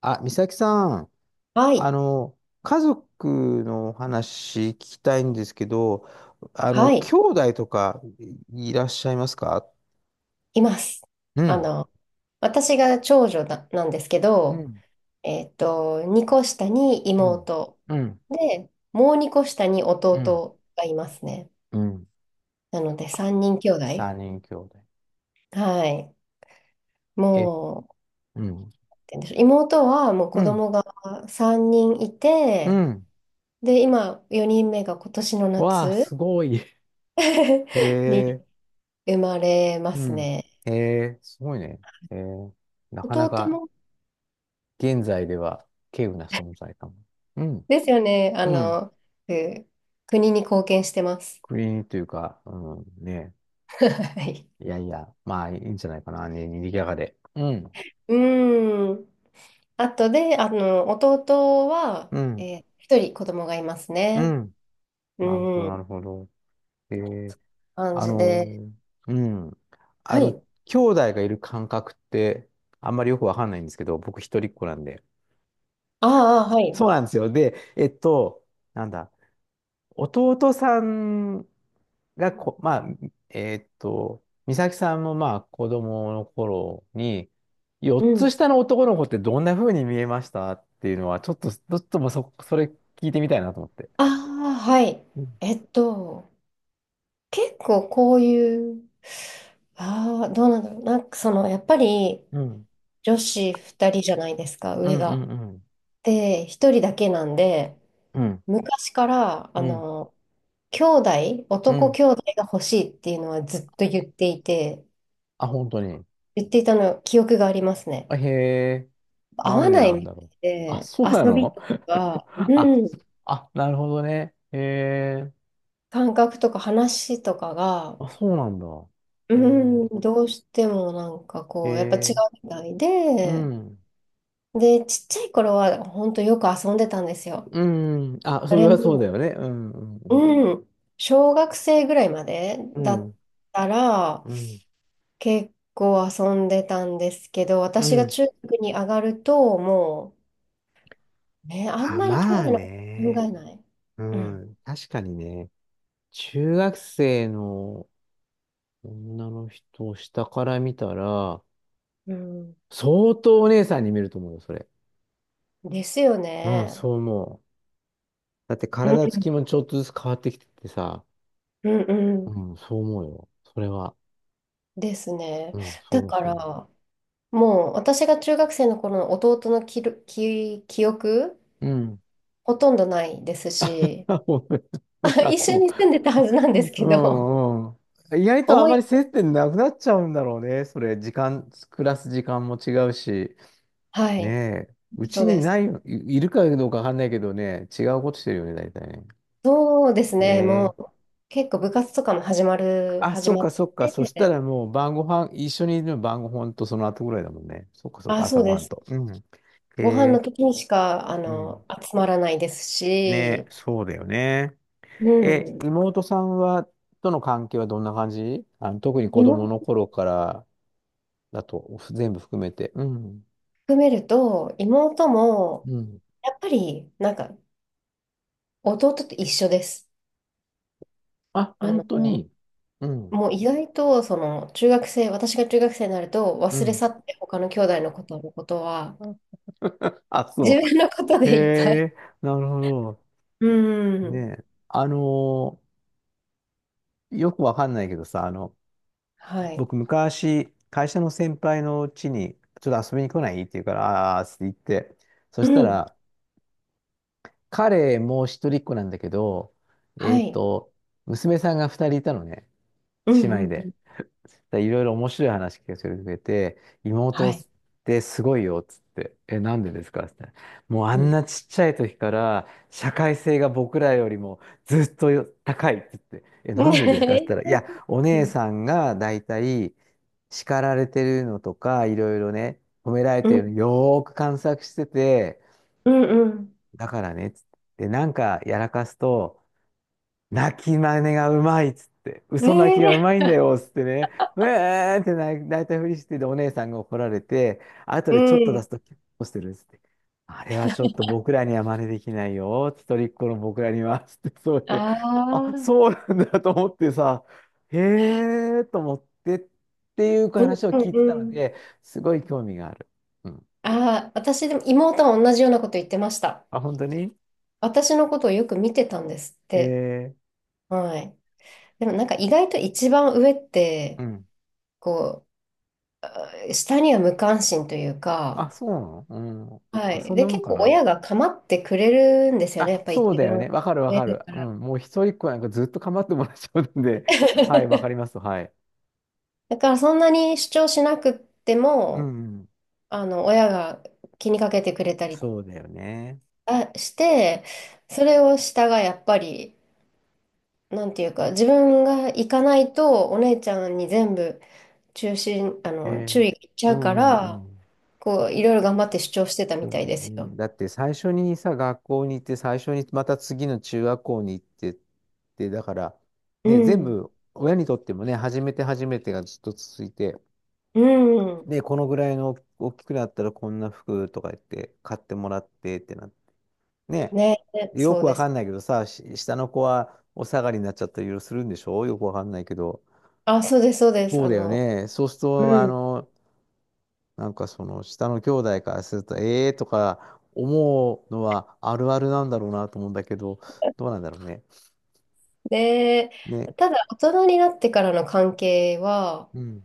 あ、美咲さん、はあい、の、家族のお話聞きたいんですけど、はい、兄弟とかいらっしゃいますか？います。うあん、の、私が長女なんですけうど、ん、2個下にうん、妹うん、で、もう2個下にうん、弟がいますね。うん。なので、3人兄弟。三人兄弟。はい。え、もうん、なんて言うんでしょう。妹はもうう子ん、供が3人いうて、ん。で、今、4人目が今年のわあ、夏 すごい。へ にえ、生まれまうすん。ね。へえ、すごいね。へえ、なかな弟かも現在では稀有な存在かも。うん、ですよね。うん。く国に貢献してます。国というか、うん、ね。はい。いやいや、まあいいんじゃないかな、にぎやかで。うん、うん。あとで、弟は、うん、一人子供がいますうね。ん。なるほど、うなん。るほど。えー、感あじで。のうん。あはの、い。兄弟がいる感覚って、あんまりよくわかんないんですけど、僕一人っ子なんで。ああ、はい。そうなんですよ。で、なんだ、弟さんがまあ、美咲さんもまあ子供の頃に、う4つん。下の男の子ってどんな風に見えましたっていうのは、ちょっともうそれ聞いてみたいなと思って。ああ、はい。うん、えっと、結構こういう、ああ、どうなんだろう。やっぱりうん、女子二人じゃないですか、うん、上が。うん、で、一人だけなんで、うん、昔から、うん、兄弟、う男ん。兄弟が欲しいっていうのはずっと言っていて、あ、本当に。言っていたの記憶がありますね。あ、へえ、合なんわでないなんみただいろう。あ、で、そうな遊びの。 とか、あ、うん、あ、なるほどね。へえ、感覚とか話とかが、あ、そうなんだ。うへん、どうしてもなんかえ、へこう、やっぱ違うえ、みたいうで、ん。で、ちっちゃい頃は本当よく遊んでたんですよ。うん。あ、そそれれはそうだも、よね。うん、うん、うん、小学生ぐらいまでうだっん。たら、うん、うん。結構遊んでたんですけど、う私がん、中学に上がると、ね、あんあ、まり兄まあ弟のこと考ね。えない。ううん。ん。確かにね。中学生の女の人を下から見たら、うん。相当お姉さんに見えると思うよ、それ。ですようん、ね。そう思う。だってう体つん、きもちょっとずつ変わってきててさ。うん、うんうん、そう思うよ。それは。ですね。うん、そうだ思う、かそう思ら、もう私が中学生の頃の弟の記録記、記憶、う。うん。ほとんどないです し、あ、もう、 あ、一そ緒う。に住んでたはずなんです けうど、んうん。意外とあ思まい、り接点なくなっちゃうんだろうね。それ、時間、暮らす時間も違うし。はい、ねえ。うそうちにです。ないよ、いるかどうかわかんないけどね、違うことしてるよね、大体ね。そうですえね、もえ。う結構部活とかもあ、始そっまっかそっか。そしたて、らもう晩ご飯、一緒にいるの晩ご飯とその後ぐらいだもんね。そっかそっか、あ、朝そうごで飯す。と。うん。えご飯のえ。時にしか、うん。集まらないですねえ、し、そうだよね。うえ、ん。妹さんは、との関係はどんな感じ、特に子供妹の頃からだと、全部含めて。うん。含めると、妹も、うん。やっぱり、なんか、弟と一緒です。あ、あの、本当に。うん。もう意外と、中学生、私が中学生になると、う忘れん。去って他の兄弟のことは、あ、自そ分のことでう。へいっぱい。え、なるほど。うん。ねえ。よくわかんないけどさ、はい。僕昔、会社の先輩の家に、ちょっと遊びに来ないって言うから、ああー、って言って。そうしたん。ら、彼も一人っ子なんだけど、えはっい。と、娘さんが二人いたのね。うん姉うん妹うん。で。でいろいろ面白い話聞かせてくれて、は妹っい。てすごいよっつって、え、なんでですかって、もうあうんん。なちっちゃい時から社会性が僕らよりもずっとよ高いっつって、え、なんでで すかってね言ったら、いや、おえ、姉さんがだいたい叱られてるのとか、いろいろね、褒められうんてうるのんよーく観察してて、うんうん。だからねっつって、でなんかやらかすと、泣き真似がうまいっつって、ね嘘泣きがうえ、まいんだよっつってね、うえーって泣いたふりしてで、お姉さんが怒られて、後うでちょっと出ん。すと、結構してるっつって、あれはちょっと僕らには真似できないよ、一人っ子の僕らには、つって、そうで、ああ、そあ、うなんだと思ってさ、へえーと思ってっていううん話をうん聞いてたうのん。で、すごい興味がある。うん。ああ、私でも妹は同じようなこと言ってました。あ、本当に。私のことをよく見てたんですって。えはい。でもなんか意外と一番上って、うん。こう、下には無関心というか、あ、そうなの。うん。はあ、そい。んで、なもん結か構な。親が構ってくれるんですよね。やあ、っぱ一そうだよ番ね。わかるわ上かだる。かうら。ん。もう一人っ子なんかずっと構ってもらっちゃうんで。はい、わかりま す。はい。だからそんなに主張しなくってうん、も、うん。親が気にかけてくれたりそうだよね。あして、それを下がやっぱり、なんていうか、自分が行かないと、お姉ちゃんに全部中心、あえの、注え。意がいっちゃううかんうんら、うん。こう、いろいろ頑張って主張してたそみうたいだよですね。よ。だって最初にさ、学校に行って、最初にまた次の中学校に行ってって、だから、うね、全ん。部、親にとってもね、初めて初めてがずっと続いて、うん。で、このぐらいの大きくなったらこんな服とか言って買ってもらってってなっ、ねね、え、よそくうわでかす。んないけどさ、下の子はお下がりになっちゃったりいろいろするんでしょ、よくわかんないけど。あ、そうです、そうです。そうだよね。そうすると、うん。なんかその下の兄弟からすると、ええーとか思うのはあるあるなんだろうなと思うんだけど、どうなんだろうね。で、ね。ただ、大人になってからの関係は、うん。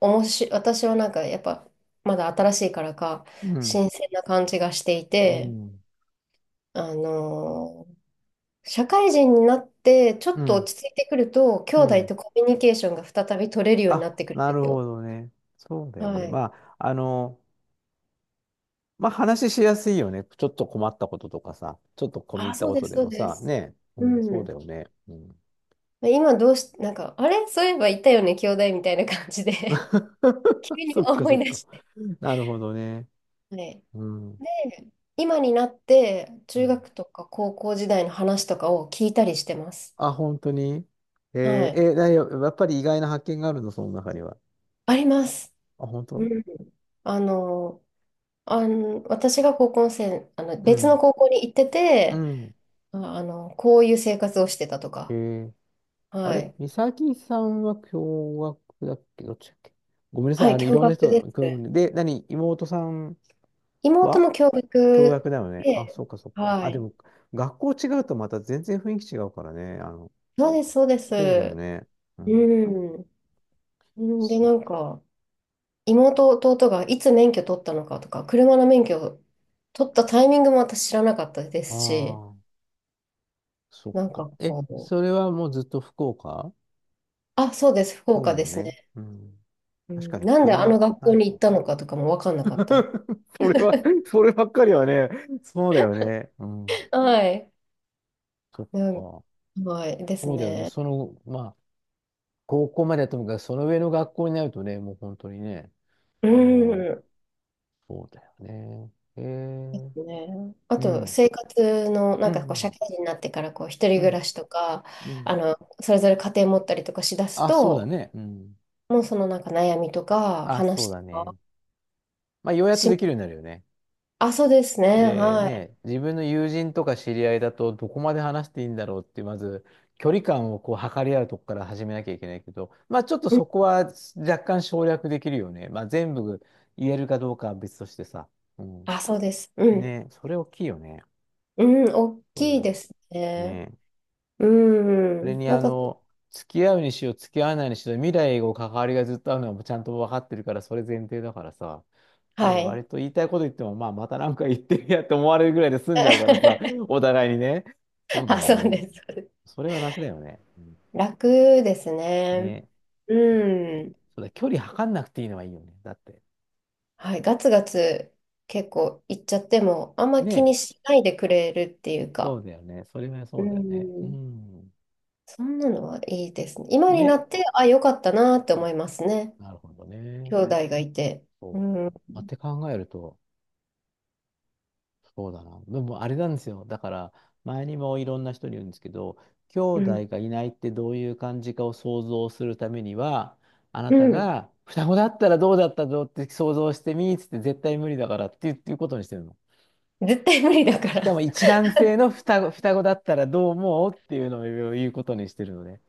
おもし、私はなんか、やっぱ、まだ新しいからか、うん。新鮮な感じがしていうて、ん。あの社会人になって、ちょうっとん。落ち着いてくると、兄う弟ん。とコミュニケーションが再び取れるようになあ、ってくるんなでるすほよ。どね。そうだよはね。い。まあ、まあ話しやすいよね。ちょっと困ったこととかさ、ちょっと込み入あ、ったそうこでとす、でそうもでさ、す。ねえ、ううん、そうだん。よね。うん。今どうし、なんか、あれそういえばいたよね、兄弟みたいな感じで 急 にそっか思そっい出か。して。なるほどね。はい。うん。で、今になって、う中ん、学とか高校時代の話とかを聞いたりしてます。あ、本当に。はい。えだよ、やっぱり意外な発見があるの、その中には。あります。あ、本う当。ん。あの、あの、私が高校生、う別のん。高校に行ってうて、ん。こういう生活をしてたとえか。ー、あはれい。美咲さんは共学だっけ、どっちだっけ、ごめんなはさい。い、い共ろんな学人、です。で、妹さん妹はも共共学学だよね。あ、で、そっかそっか。はあ、でい。も、学校違うとまた全然雰囲気違うからね。そうです、そうでそうだよす。ね。うん。うん。で、そっなんか、妹、弟がいつ免許取ったのかとか、車の免許を取ったタイミングも私知らなかったであすし、あ、そっなんか。かえ、こう、それはもうずっと福岡、あ、そうです、福そう岡だでよすね。ね。うん。う確かん、になんであの車、学慣校れにて行っる。 たのかとかも分かんなかった。そればっかりはね、そうだよね。うん。はい。そっうん、か。はい、ですそうだよね。ね。その、まあ、高校まではともかく、その上の学校になるとね、もう本当にね、あうの、ん。そうだよね。へえ。ね、あうとん。生活のうなんかこう社ん。会人になってからこう一人う暮ん。らしとかうあん。のそれぞれ家庭持ったりとかしだすあ、そうだとね。うん。もうそのなんか悩みとかあ、そう話だとね。かまあ、ようやっとできるようし、になるよね。あ、そうですね、ではい、ね、自分の友人とか知り合いだと、どこまで話していいんだろうって、まず、距離感をこう測り合うとこから始めなきゃいけないけど、まあ、ちょっとうん、そこは若干省略できるよね。まあ、全部言えるかどうかは別としてさ。うん。あ、そうです、うん、ね、それ大きいよね。うん、大きいでそすう。ね、ね。うそれん、になんか付き合うにしろ付き合わないにしろ未来を関わりがずっとあるのはちゃんと分かってるからそれ前提だからさ、はね、い 割と言いたいこと言っても、まあ、またなんか言ってるやって思われるぐらいで済んじ ゃうからさ、お互いにね。そうだあ、よそうね。です、そうです、それは楽だよね。うん、楽ですね、ね。そう、そうん、うだ、距離測んなくていいのはいいよね。だって。はい、ガツガツ結構行っちゃっても、あんま気ね。にしないでくれるっていうそうか、だよね。それはうそうだよね。うん、ん。そんなのはいいですね。今になね。って、あ、よかったなって思いますね。なるほどね。兄弟がいて。そう。うん、まあって考えると、そうだな。でもあれなんですよ。だから、前にもいろんな人に言うんですけど、兄う弟ん、がいないってどういう感じかを想像するためには、あなうたん。が双子だったらどうだったぞって想像してみーっつって絶対無理だからって言うっていうことにしてるの。絶対無理だかしら。かも一 卵性の双子だったらどう思うっていうのを言うことにしてるのね。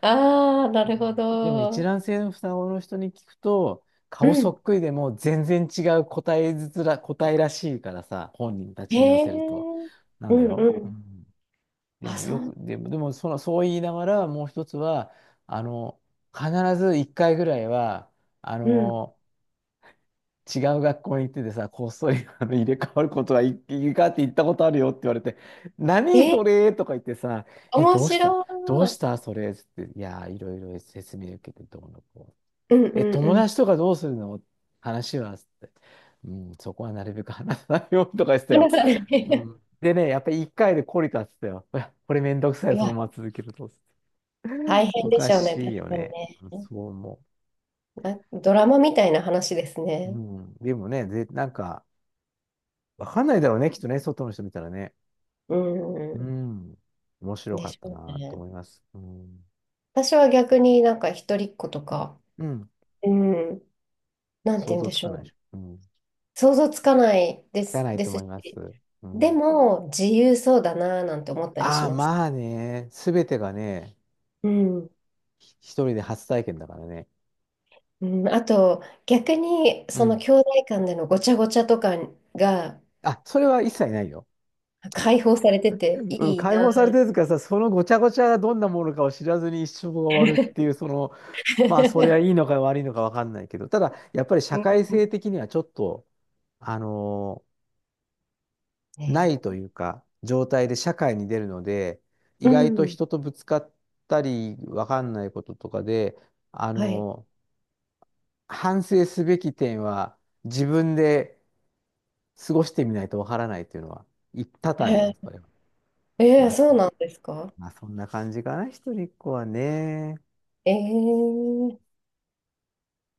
ああ、なるほでも一ど。卵性の双子の人に聞くと、う顔そん。っくりでも全然違う答えずつら、答えらしいからさ、本人たへちに言わせると。え。なうんだんよ。ううん。ん。あ、そう。でもその、そう言いながら、もう一つは、あの、必ず一回ぐらいは、あうん。の、違う学校に行っててさ、こっそり入れ替わることがいいかって言ったことあるよって言われて、何え、それとか言ってさ、え、面どうし白たどうしい。たそれつって、いやー、いろいろ説明受けてどうのこうんう。え、うんう友ん。達とかどうするの話はつって、うん、そこはなるべく話さないようにとか言ってたよ。話さない。う ん。でね、やっぱり一回で懲りたっつったよ。これめんどくさいい、そのや、まま続けると。大変おでかしょうね。確しいよかにね。ね。そう思あ、ドラマみたいな話ですう。ね。うん。でもね、なんか、わかんないだろうね、きっとね、外の人見たらね。ううん。ん。面白でかっしたょうなとね。思います。うん。私は逆になんか一人っ子とか、うん。うん。なんて想言うん像でつしかないょでしう。ょ。うん。つ想像つかないでかす、ないでとす思いし。ます。うでん。も、自由そうだなぁなんて思ったりしああ、ます。まあね、すべてがね、うん。一人で初体験だからね。うん、あと、逆に、うそのん。兄弟間でのごちゃごちゃとかがあ、それは一切ないよ。解放されてていうん、い解な放されぁ。てるからさ、そのごちゃごちゃがどんなものかを知らずに一生が終わるっていう、その、まあ、それはいい のか悪いのかわかんないけど、ただ、やっぱり社う会ん、性的にはちょっと、あのーないね、というか、状態で社会に出るので、う意外とん。人とぶつかったり、わかんないこととかで、あはい。のー反省すべき点は、自分で過ごしてみないとわからないっていうのは、多々あえりまー、す、それは。えまー、あ、そそうんなんですか。まあ、そんな感じかな、一人っ子はね。ええ。